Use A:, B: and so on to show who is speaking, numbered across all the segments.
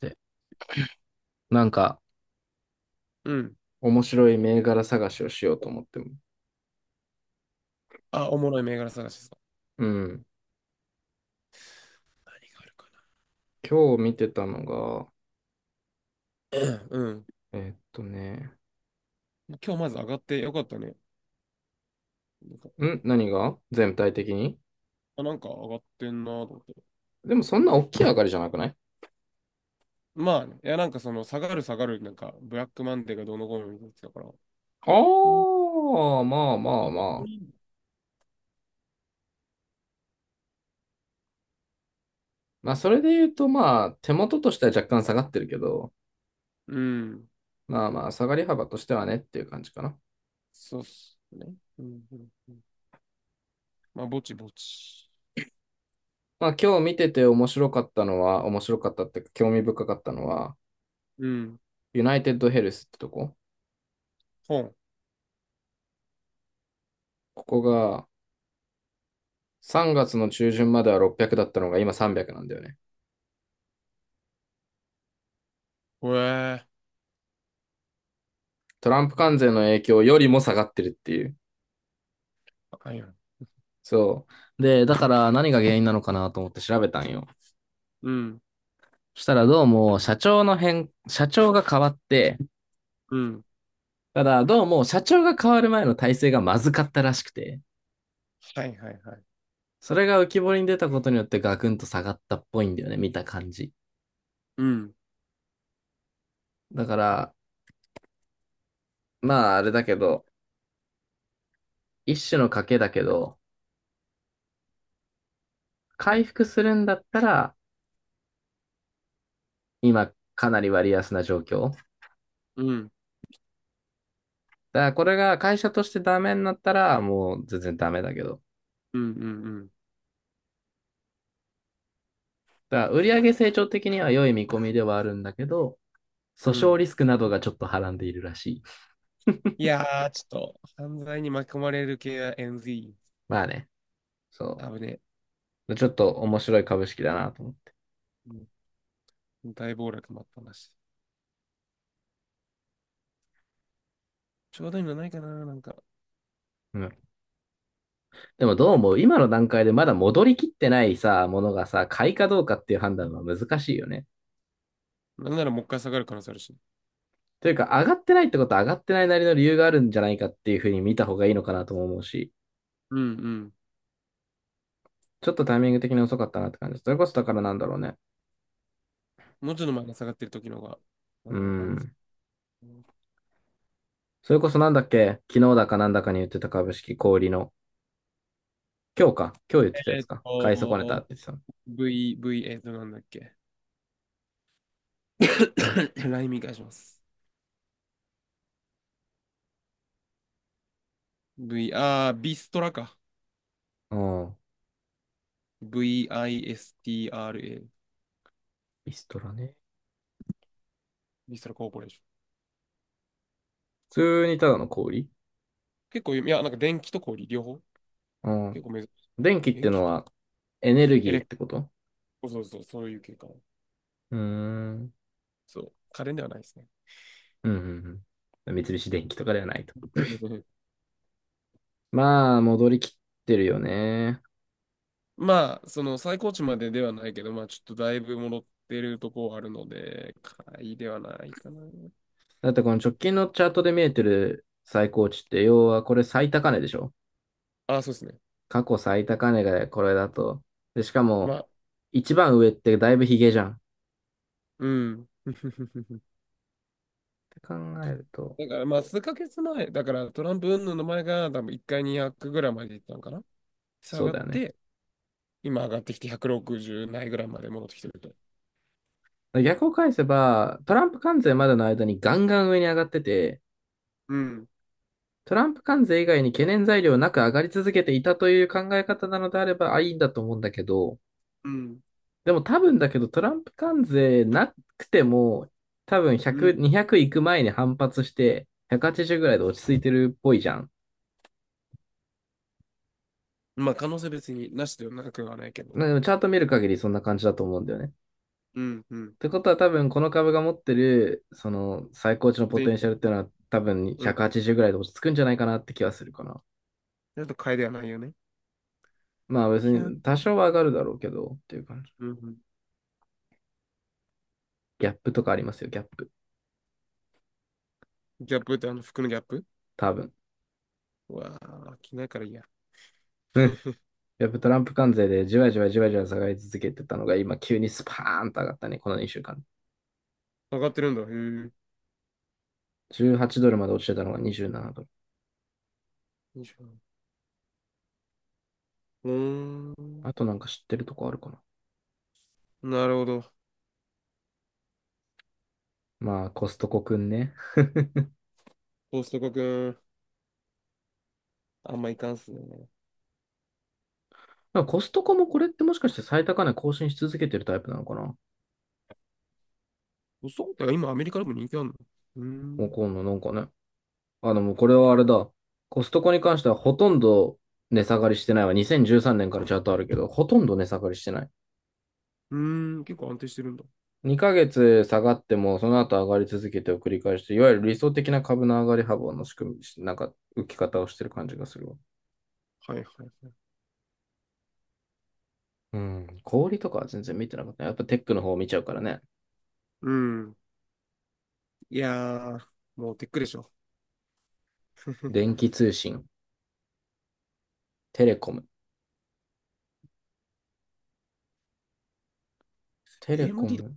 A: て。なんか、
B: うん。
A: 面白い銘柄探しをしようと思っても。
B: あ、おもろい銘柄探しですか。
A: うん。
B: 何があるか
A: 今日見てたのが、
B: な。うん。
A: えーっとね、
B: 今日まず上がってよかったね。よかったよかった。
A: 何が全体的に、
B: あ、なんか上がってんなと思って。
A: でもそんな大きい上がりじゃなくない？
B: まあね、いやなんかその下がる下がる、なんかブラックマンデーがどうのこうのみたいなやつだから。
A: あ
B: あ、
A: あ、まあま
B: い
A: あ
B: や、本当
A: まあ。
B: にいいんだ。
A: まあそれで言うと、まあ手元としては若干下がってるけど、
B: うん。
A: まあまあ下がり幅としてはねっていう感じかな。
B: そうっすね。うん、うん、うん。まあ、ぼちぼち。
A: まあ今日見てて面白かったのは、面白かったっていうか興味深かったのは、
B: うん。
A: ユナイテッドヘルスってとこ。
B: 本。
A: ここが3月の中旬までは600だったのが今300なんだよね。
B: ほえー。
A: トランプ関税の影響よりも下がってるっていう。
B: あよ。
A: そう。で、だから何が原因なのかなと思って調べたんよ。
B: うん。
A: そしたらどうも社長が変わって、
B: うん。
A: ただどうも社長が変わる前の体制がまずかったらしくて、
B: はいはいはい。
A: それが浮き彫りに出たことによってガクンと下がったっぽいんだよね、見た感じ。
B: うん。
A: だから、まああれだけど、一種の賭けだけど、回復するんだったら、今かなり割安な状況。
B: うん。
A: だからこれが会社としてダメになったら、もう全然ダメだけど。
B: うん。うん。うん。
A: だから売上成長的には良い見込みではあるんだけど、訴
B: う
A: 訟
B: ん。
A: リスクなどがちょっとはらんでいるらしい。
B: いやー、ちょっと、犯罪に巻き込まれる系は NZ。
A: まあね、そ
B: あぶねえ。
A: う。ちょっと面白い株式だなと思って。
B: うん。大暴落もあったなし。ちょうどいいのないかな、なんか。
A: うん。でもどうも今の段階でまだ戻りきってないさ、ものがさ、買いかどうかっていう判断は難しいよね。
B: なんならもう一回下がる可能性あるし。
A: というか、上がってないってことは上がってないなりの理由があるんじゃないかっていうふうに見た方がいいのかなとも思うし、
B: うんうん。
A: ちょっとタイミング的に遅かったなって感じです。それこそだからなんだろうね。
B: もうちょっと前に下がってる時の方が、う
A: う
B: ん、安
A: ん。
B: 全。
A: それこそなんだっけ、昨日だかなんだかに言ってた株式小売りの、今日か、今日言ってたや
B: え
A: つ
B: ーっ
A: か、買い損ねたっ
B: と、
A: て言ってた
B: V、なんだっけ。ライミ返します。V、ビストラか。
A: の。うん。
B: VISTRA。
A: ビストラね。
B: ビストラコーポレーション。
A: 普通にただの小売り。
B: 結構有名、いや、なんか電気と氷、両方。
A: う
B: 結
A: ん。
B: 構珍しい。
A: 電気って
B: 電
A: の
B: 気
A: はエネル
B: エ
A: ギーっ
B: レ、
A: てこと？
B: そうそうそう、そういう系かな。
A: うーん。うん、
B: そう。家電ではないですね。
A: うん、うん。三菱電機とかではないと。まあ、戻りきってるよね。
B: まあ、その最高値までではないけど、まあ、ちょっとだいぶ戻ってるとこはあるので、買いではないかな。
A: だってこの直近のチャートで見えてる最高値って、要はこれ最高値でしょ？
B: あ、そうですね。
A: 過去最高値がこれだと。で、しか
B: ま
A: も、
B: あ、
A: 一番上ってだいぶヒゲじゃん。
B: うん。
A: て考えると、
B: だから、まあ、数ヶ月前、だからトランプ云々の前が多分1回200ぐらいまでいったのかな。下
A: そう
B: がっ
A: だよね。
B: て、今上がってきて160ないぐらいまで戻ってきてると。
A: 逆を返せば、トランプ関税までの間にガンガン上に上がってて、
B: うん、
A: トランプ関税以外に懸念材料なく上がり続けていたという考え方なのであれば、あ、いいんだと思うんだけど、
B: うん、
A: でも多分だけど、トランプ関税なくても、多分
B: う
A: 100、
B: ん。
A: 200いく前に反発して、180ぐらいで落ち着いてるっぽいじゃん。
B: まあ、可能性別になしではなくはないけど。
A: なんかチャート見る限りそんな感じだと思うんだよね。
B: うん、うん。
A: てことは多分この株が持ってる、その最高値のポ
B: で、
A: テンシャルっていうのは多分
B: うん。
A: 180ぐらいで落ち着くんじゃないかなって気はするかな。
B: ちょっと買いではないよね。
A: まあ別
B: キャップ。
A: に多少は上がるだろうけどっていう感じ。
B: うんうん。
A: ギャップとかありますよ、ギャップ。
B: ギャップってあの服のギャップ？
A: 多分。
B: うわあ、着ないからいいや。
A: うん。ギャップ、トランプ関税でじわじわじわじわ下がり続けてたのが今急にスパーンと上がったね、この2週間。
B: 上がってるんだ。へぇよ
A: 18ドルまで落ちてたのが27ドル。
B: いしょうー
A: あ
B: ん。
A: となんか知ってるとこあるかな。
B: なるほど。
A: まあコストコくんね。
B: コストコくん。あんまいかんっすね。
A: コストコもこれってもしかして最高値更新し続けてるタイプなのかな？
B: そうだよ。今アメリカでも人気あるの。うー
A: もう
B: ん。
A: 今な、なんかね。あの、もうこれはあれだ。コストコに関してはほとんど値下がりしてないわ。2013年からチャートあるけど、ほとんど値下がりしてない。
B: うーん。結構安定してるんだ。
A: 2ヶ月下がっても、その後上がり続けてを繰り返して、いわゆる理想的な株の上がり幅の仕組み、なんか浮き方をしてる感じがするわ。
B: はいはいはい。
A: うん。小売りとかは全然見てなかった。やっぱテックの方を見ちゃうからね。
B: うん。いやー、もうテックでしょ。
A: 電気通信、テレコム。テレコ
B: AMD だ。
A: ム。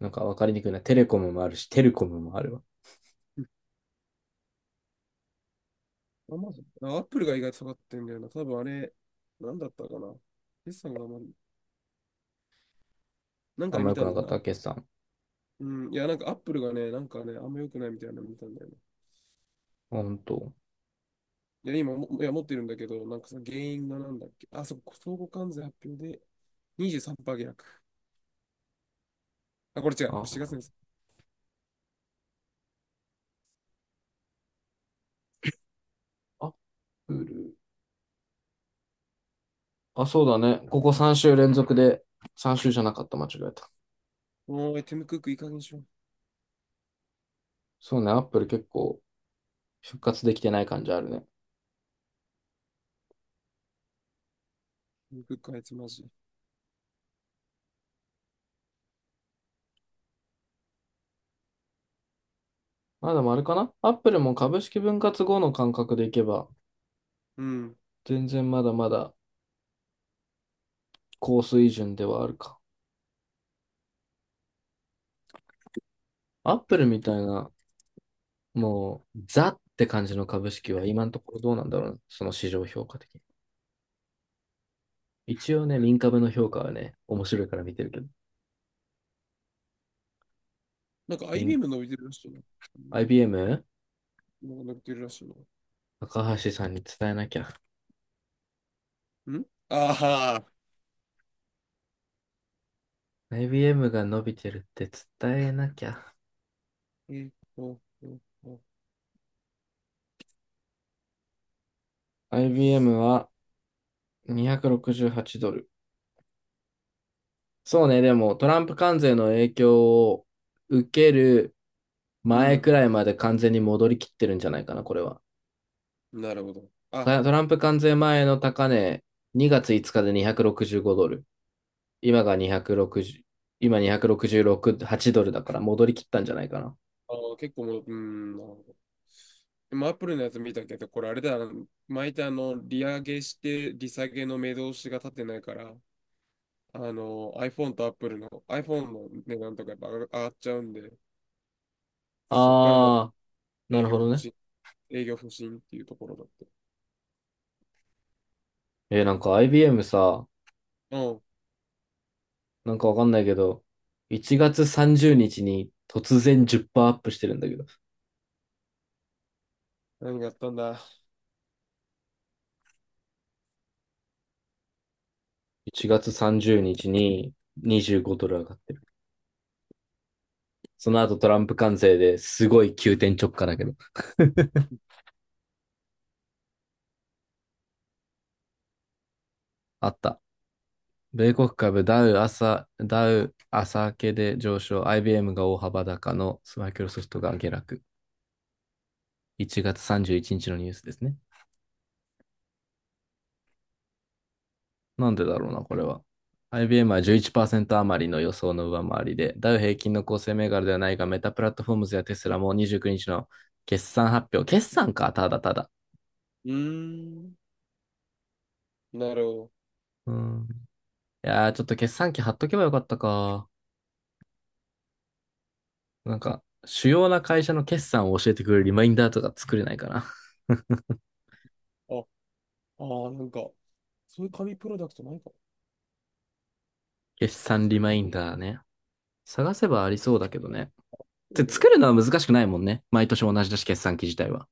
A: なんかわかりにくいな。テレコムもあるし、テレコムもあるわ。
B: アマゾン。あ、アップルが意外と下がってんだよな。多分あれ、なんだったかな。決算があんまり、なん
A: あ
B: か
A: ん
B: で
A: ま
B: 見
A: 良く
B: たん
A: な
B: だ
A: か
B: よ
A: っ
B: な。
A: た、決算。
B: うん。いや、なんかアップルがね、なんかね、あんま良くないみたいなの見たんだよね。
A: あ、本当。
B: いや、今も、いや、持ってるんだけど、なんかその原因がなんだっけ。あ、そう、相互関税発表で23%下落。あ、これ違う。これ4
A: あ、
B: 月です。
A: アップル。あ、そうだね。ここ3週連続で、3週じゃなかった、間違えた。
B: おーい、ティム・クックいい加減にしろ。テ
A: そうね、アップル結構復活できてない感じあるね。
B: ィム・クックあいつマジ。
A: まあでもあれかな、アップルも株式分割後の感覚でいけば、
B: うん。
A: 全然まだまだ高水準ではあるか。アップルみたいな、もう、ザって感じの株式は今のところどうなんだろうね、その市場評価的に。一応ね、民株の評価はね、面白いから見てるけど。
B: なんか
A: 民
B: IBM 伸びてるらしいな。うん。
A: IBM？
B: なんか伸びてるらしい
A: 高橋さんに伝えなきゃ。
B: な。んあは
A: IBM が伸びてるって伝えなきゃ。
B: ー。と、えっと
A: IBM は268ドル。そうね、でもトランプ関税の影響を受ける
B: う
A: 前く
B: ん。
A: らいまで完全に戻りきってるんじゃないかな、これは。
B: なるほど。あ、
A: トランプ関税前の高値、2月5日で265ドル。今が260、今266、8ドルだから戻りきったんじゃないかな。
B: 結構もう、うん、なるほど。今、アップルのやつ見たけど、これあれだな、毎回あの、利上げして、利下げの目通しが立ってないから、あの、iPhone と Apple の iPhone の値段とかやっぱ上がっちゃうんで、そっからの
A: あー、な
B: 営
A: る
B: 業
A: ほど
B: 不
A: ね。
B: 振、営業不振っていうところだって。
A: なんか IBM さ、
B: うん。
A: なんかわかんないけど、1月30日にちに突然10%アップしてるんだけど。
B: 何があったんだ。
A: 1月30日に25ドル上がってる。その後トランプ関税ですごい急転直下だけど、あった。米国株ダウ朝明けで上昇、IBM が大幅高、のマイクロソフトが下落。1月31日のニュースですね。なんでだろうな、これは。IBM は11%余りの予想の上回りで、ダウ平均の構成銘柄ではないが、メタプラットフォームズやテスラも29日の決算発表。決算か、ただただ。
B: うーん。なるほ
A: うん。いやー、ちょっと決算機貼っとけばよかったか。なんか、主要な会社の決算を教えてくれるリマインダーとか作れないかな。
B: ど。あ、ああ、なんか、そういう紙プロダクトないか
A: 決算リマインダーね。探せばありそうだけどね。
B: も。だ
A: で、
B: けど。
A: 作るのは難しくないもんね。毎年同じだし、決算機自体は。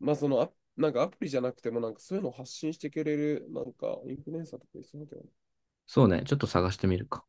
B: まあ、その、あ、なんかアプリじゃなくても、なんかそういうのを発信してくれる、なんか、インフルエンサーとかいそうだけどね
A: そうね、ちょっと探してみるか。